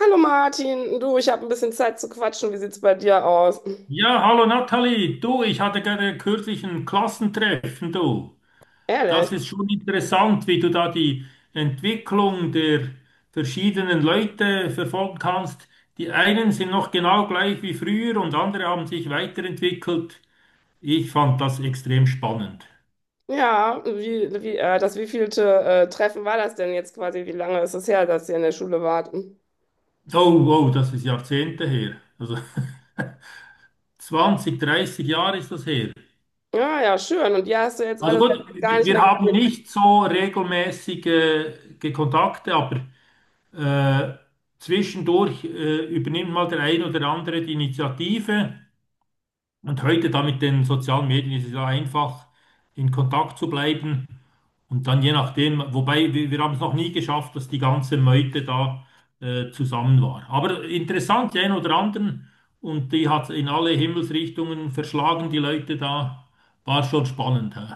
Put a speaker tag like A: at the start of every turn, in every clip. A: Hallo Martin, du, ich habe ein bisschen Zeit zu quatschen. Wie sieht's bei dir aus?
B: Ja, hallo Nathalie, du, ich hatte gerade kürzlich ein Klassentreffen, du.
A: Ehrlich?
B: Das ist schon interessant, wie du da die Entwicklung der verschiedenen Leute verfolgen kannst. Die einen sind noch genau gleich wie früher und andere haben sich weiterentwickelt. Ich fand das extrem spannend.
A: Ja, das wievielte Treffen war das denn jetzt quasi? Wie lange ist es her, dass ihr in der Schule wart?
B: Oh, wow, das ist Jahrzehnte her. Also 20, 30 Jahre ist das her.
A: Ja, ja, schön. Und die hast du jetzt
B: Also
A: alle
B: gut,
A: gar nicht
B: wir
A: mehr
B: haben
A: gesehen?
B: nicht so regelmäßige Kontakte, aber Äh, zwischendurch übernimmt mal der ein oder andere die Initiative. Und heute da mit den sozialen Medien ist es ja einfach, in Kontakt zu bleiben. Und dann je nachdem, wobei wir haben es noch nie geschafft, dass die ganze Meute da zusammen war. Aber interessant, die einen oder anderen. Und die hat in alle Himmelsrichtungen verschlagen, die Leute da. War schon spannend, hä?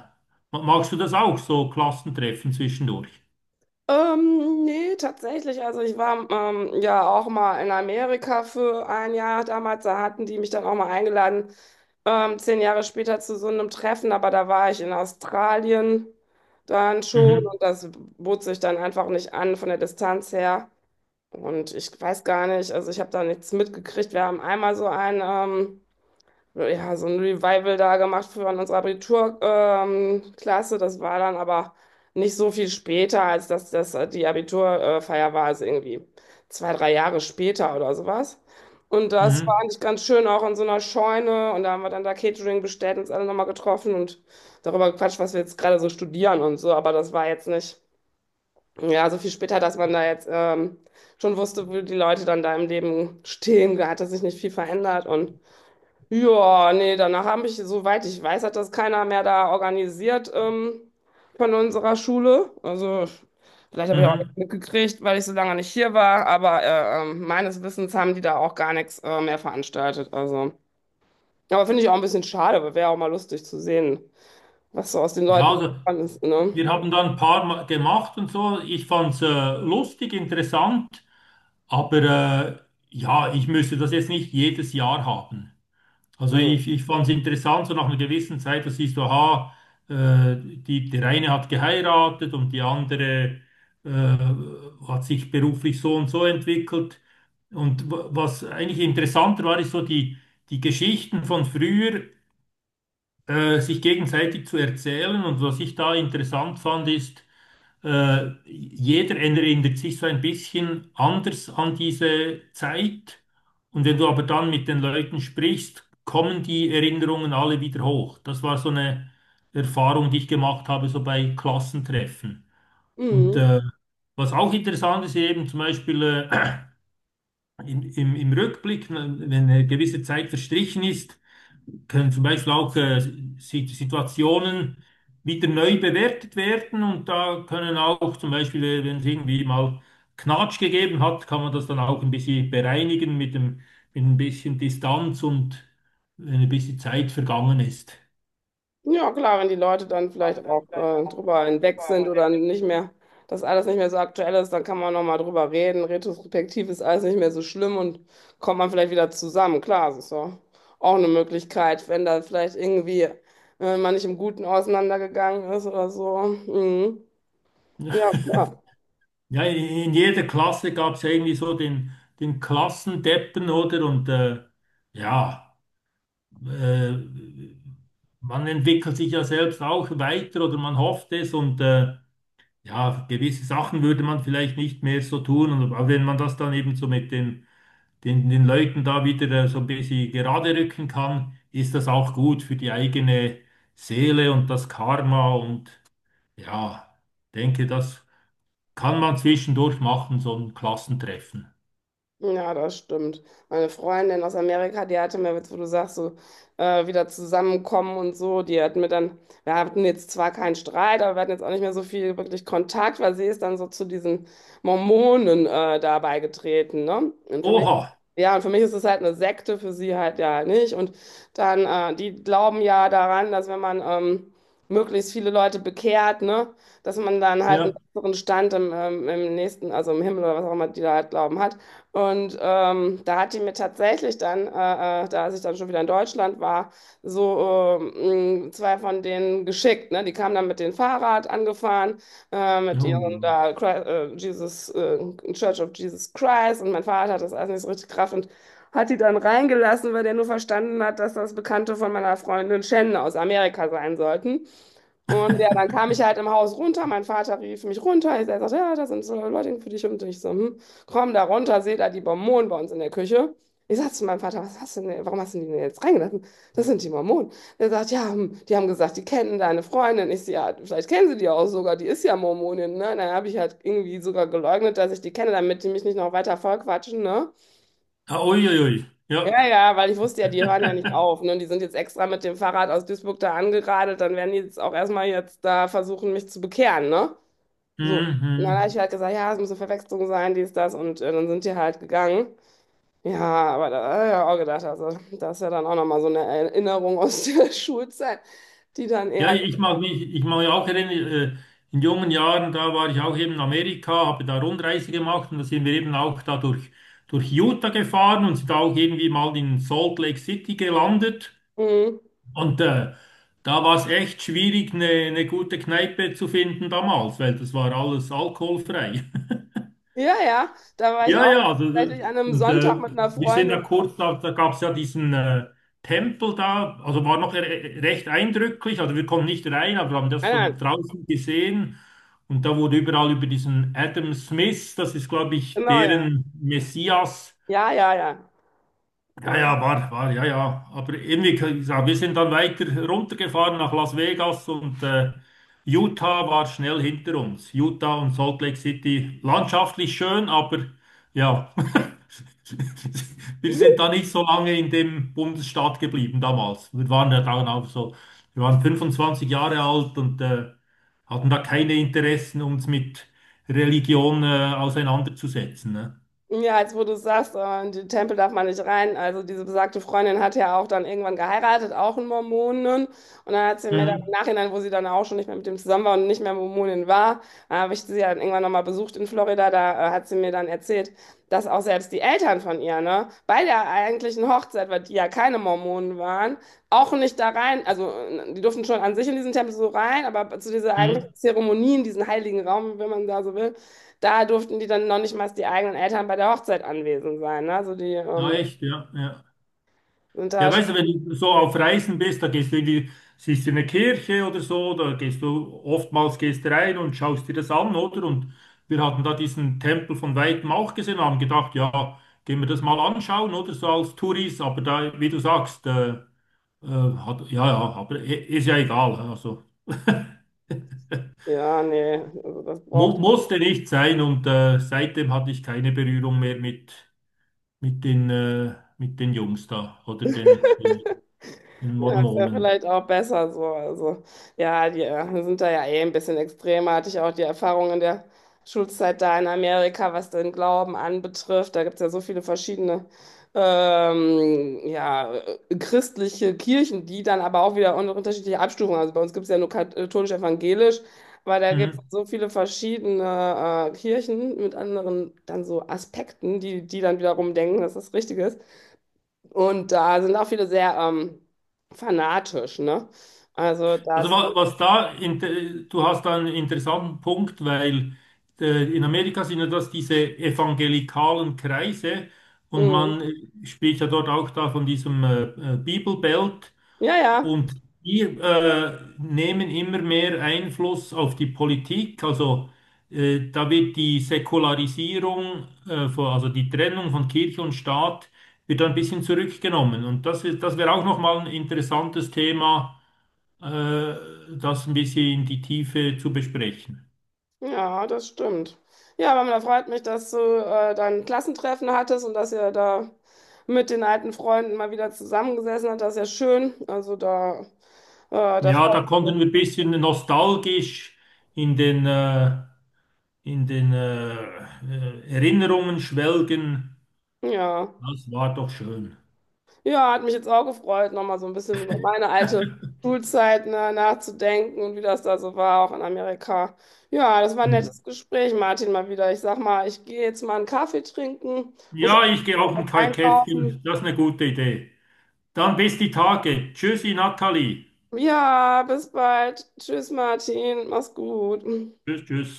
B: Magst du das auch, so Klassentreffen zwischendurch?
A: Nee, tatsächlich. Also ich war ja auch mal in Amerika für ein Jahr damals. Da hatten die mich dann auch mal eingeladen, 10 Jahre später, zu so einem Treffen, aber da war ich in Australien dann schon,
B: Mhm,
A: und das bot sich dann einfach nicht an von der Distanz her. Und ich weiß gar nicht, also ich habe da nichts mitgekriegt. Wir haben einmal so ein ja, so ein Revival da gemacht für unsere Abiturklasse. Klasse. Das war dann aber nicht so viel später, als dass das die Abiturfeier war, also irgendwie 2, 3 Jahre später oder sowas. Und das war
B: mhm,
A: eigentlich ganz schön, auch in so einer Scheune. Und da haben wir dann da Catering bestellt und uns alle nochmal getroffen und darüber gequatscht, was wir jetzt gerade so studieren und so. Aber das war jetzt nicht, ja, so viel später, dass man da jetzt schon wusste, wo die Leute dann da im Leben stehen. Da hat sich nicht viel verändert. Und ja, nee, danach habe ich, soweit ich weiß, hat das keiner mehr da organisiert, von unserer Schule. Also vielleicht habe ich auch
B: mhm.
A: nichts mitgekriegt, weil ich so lange nicht hier war, aber meines Wissens haben die da auch gar nichts mehr veranstaltet. Also. Aber finde ich auch ein bisschen schade, aber wäre auch mal lustig zu sehen, was so aus den
B: Ja,
A: Leuten
B: also,
A: geworden ist, ne?
B: wir haben da ein paar Mal gemacht und so. Ich fand es lustig, interessant, aber äh, ja, ich müsste das jetzt nicht jedes Jahr haben. Also
A: Ja.
B: ich fand es interessant, so nach einer gewissen Zeit, dass siehst du, aha, die, der eine hat geheiratet und die andere äh, hat sich beruflich so und so entwickelt. Und was eigentlich interessanter war, ist so die Geschichten von früher, sich gegenseitig zu erzählen. Und was ich da interessant fand, ist, jeder erinnert sich so ein bisschen anders an diese Zeit. Und wenn du aber dann mit den Leuten sprichst, kommen die Erinnerungen alle wieder hoch. Das war so eine Erfahrung, die ich gemacht habe, so bei Klassentreffen. Und
A: Mhm.
B: was auch interessant ist, eben zum Beispiel äh, im Rückblick, wenn eine gewisse Zeit verstrichen ist, können zum Beispiel auch Situationen wieder neu bewertet werden und da können auch zum Beispiel, wenn es irgendwie mal Knatsch gegeben hat, kann man das dann auch ein bisschen bereinigen mit dem, mit ein bisschen Distanz und wenn ein bisschen Zeit vergangen ist.
A: Ja, klar, wenn die Leute dann vielleicht auch drüber hinweg sind oder nicht mehr, dass alles nicht mehr so aktuell ist, dann kann man nochmal drüber reden. Retrospektiv ist alles nicht mehr so schlimm und kommt man vielleicht wieder zusammen. Klar, das ist ja auch eine Möglichkeit, wenn da vielleicht irgendwie man nicht im Guten auseinandergegangen ist oder so. Mhm. Ja, klar.
B: Ja, in jeder Klasse gab es irgendwie so den Klassendeppen, oder? Und ja, äh, man entwickelt sich ja selbst auch weiter oder man hofft es und ja, gewisse Sachen würde man vielleicht nicht mehr so tun. Und aber wenn man das dann eben so mit den Leuten da wieder so ein bisschen gerade rücken kann, ist das auch gut für die eigene Seele und das Karma. Und ja, denke, das kann man zwischendurch machen, so ein Klassentreffen.
A: Ja, das stimmt. Meine Freundin aus Amerika, die hatte mir jetzt, wo du sagst, so wieder zusammenkommen und so, die hat mir dann, wir hatten jetzt zwar keinen Streit, aber wir hatten jetzt auch nicht mehr so viel wirklich Kontakt, weil sie ist dann so zu diesen Mormonen da beigetreten, ne? Und für mich,
B: Oha,
A: ja, und für mich ist es halt eine Sekte, für sie halt ja nicht. Und dann, die glauben ja daran, dass, wenn man möglichst viele Leute bekehrt, ne, dass man dann halt einen
B: ja.
A: besseren Stand im, im nächsten, also im Himmel oder was auch immer die da halt glauben hat. Und da hat die mir tatsächlich dann, da als ich dann schon wieder in Deutschland war, so 2 von denen geschickt. Ne? Die kamen dann mit dem Fahrrad angefahren, mit ihrem
B: Oh.
A: da Jesus, Church of Jesus Christ. Und mein Vater hat das alles nicht so richtig gerafft und hat die dann reingelassen, weil der nur verstanden hat, dass das Bekannte von meiner Freundin Shannon aus Amerika sein sollten. Und ja, dann kam ich halt im Haus runter. Mein Vater rief mich runter. Ich sagte, ja, da sind so Leute für dich, und ich so: hm, komm da runter, seht da die Mormonen bei uns in der Küche. Ich sagte zu meinem Vater: was hast du denn, warum hast du die denn jetzt reingelassen? Das sind die Mormonen. Er sagt: ja, hm, die haben gesagt, die kennen deine Freundin. Ich so: ja, vielleicht kennen sie die auch sogar, die ist ja Mormonin, ne? Dann habe ich halt irgendwie sogar geleugnet, dass ich die kenne, damit die mich nicht noch weiter vollquatschen, ne?
B: Ah, Uiuiui, ja.
A: Ja, ja, weil ich wusste ja, die hören ja nicht auf, ne? Die sind jetzt extra mit dem Fahrrad aus Duisburg da angeradelt, dann werden die jetzt auch erstmal jetzt da versuchen, mich zu bekehren, ne?
B: Mhm,
A: So. Und dann habe ich
B: mhm.
A: halt gesagt, ja, es muss eine Verwechslung sein, dies, das, und dann sind die halt gegangen. Ja, aber da habe ich ja auch gedacht, also, das ist ja dann auch nochmal so eine Erinnerung aus der Schulzeit, die dann
B: Ja,
A: eher.
B: ich mag mich auch erinnern, äh, in jungen Jahren, da war ich auch eben in Amerika, habe da Rundreise gemacht und da sind wir eben auch da durch Utah gefahren und sind auch irgendwie mal in Salt Lake City gelandet.
A: Mhm.
B: Und da war es echt schwierig, eine gute Kneipe zu finden damals, weil das war alles alkoholfrei.
A: Ja, ja, da war ich
B: Ja,
A: auch
B: ja,
A: mal
B: also,
A: tatsächlich an einem
B: und
A: Sonntag mit einer
B: wir sind da
A: Freundin.
B: kurz, da gab es ja diesen Tempel da, also war noch re recht eindrücklich, also wir konnten nicht rein, aber haben das
A: Nein,
B: von
A: nein,
B: draußen gesehen und da wurde überall über diesen Adam Smith, das ist glaube ich
A: genau, ja.
B: deren Messias,
A: Ja, ja, ja.
B: ja, ja,
A: Mhm.
B: war, war, ja, ja. Aber irgendwie, ich sag, wir sind dann weiter runtergefahren nach Las Vegas und Utah war schnell hinter uns. Utah und Salt Lake City, landschaftlich schön, aber ja, wir sind da nicht so lange in dem Bundesstaat geblieben damals. Wir waren ja dann auch so, wir waren 25 Jahre alt und hatten da keine Interessen, uns mit Religion auseinanderzusetzen. Ne?
A: Ja, jetzt wo du sagst, in die Tempel darf man nicht rein. Also diese besagte Freundin hat ja auch dann irgendwann geheiratet, auch einen Mormonen. Und dann hat sie mir dann im
B: Mhm.
A: Nachhinein, wo sie dann auch schon nicht mehr mit dem zusammen war und nicht mehr Mormonin war, habe ich sie ja dann irgendwann nochmal besucht in Florida. Da hat sie mir dann erzählt, dass auch selbst die Eltern von ihr, ne, bei der eigentlichen Hochzeit, weil die ja keine Mormonen waren, auch nicht da rein, also die durften schon an sich in diesen Tempel so rein, aber zu dieser eigentlichen
B: Mhm.
A: Zeremonie, in diesen heiligen Raum, wenn man da so will, da durften die dann noch nicht mal die eigenen Eltern bei der Hochzeit anwesend sein. Ne? Also die
B: Ja, echt, ja, ja.
A: sind da
B: Ja,
A: schon.
B: weißt du, wenn du so auf Reisen bist, da gehst du in die, siehst du eine Kirche oder so, da gehst du oftmals gehst du rein und schaust dir das an, oder? Und wir hatten da diesen Tempel von weitem auch gesehen, haben gedacht, ja, gehen wir das mal anschauen, oder so als Touris, aber da, wie du sagst, hat, ja, ja, aber ist ja egal, also
A: Ja, nee, also das
B: mu
A: braucht.
B: musste nicht sein und seitdem hatte ich keine Berührung mehr mit den Jungs da oder den
A: Ja, ist ja
B: Mormonen.
A: vielleicht auch besser so. Also, ja, die sind da ja eh ein bisschen extremer. Hatte ich auch die Erfahrung in der Schulzeit da in Amerika, was den Glauben anbetrifft. Da gibt es ja so viele verschiedene ja, christliche Kirchen, die dann aber auch wieder unterschiedliche Abstufungen. Also bei uns gibt es ja nur katholisch-evangelisch, aber da gibt es
B: Mhm.
A: so viele verschiedene Kirchen mit anderen dann so Aspekten, die, dann wiederum denken, dass das richtig ist. Und da sind auch viele sehr fanatisch, ne? Also
B: Also
A: das,
B: was da, du hast da einen interessanten Punkt, weil in Amerika sind ja das diese evangelikalen Kreise und
A: mhm,
B: man spricht ja dort auch da von diesem Bibelbelt
A: ja, ja,
B: und die nehmen immer mehr Einfluss auf die Politik. Also da wird die Säkularisierung, von, also die Trennung von Kirche und Staat, wird da ein bisschen zurückgenommen. Und das ist, das wäre auch nochmal ein interessantes Thema äh, das ein bisschen in die Tiefe zu besprechen.
A: ja, das stimmt. Ja, aber da freut mich, dass du dein Klassentreffen hattest und dass ihr da mit den alten Freunden mal wieder zusammengesessen habt. Das ist ja schön. Also da, da
B: Ja,
A: freut
B: da
A: mich.
B: konnten wir ein bisschen nostalgisch in den, äh, in den Erinnerungen schwelgen.
A: Ja.
B: Das war doch schön.
A: Ja, hat mich jetzt auch gefreut, nochmal so ein bisschen über meine alte Schulzeit, ne, nachzudenken und wie das da so war, auch in Amerika. Ja, das war ein nettes Gespräch, Martin, mal wieder. Ich sag mal, ich gehe jetzt mal einen Kaffee trinken, muss auch
B: Ja, ich gehe auch
A: was
B: ein
A: einkaufen.
B: Kai-Käffchen. Das ist eine gute Idee. Dann bis die Tage. Tschüssi, Nathalie.
A: Ja, bis bald. Tschüss, Martin. Mach's gut.
B: Tschüss, tschüss.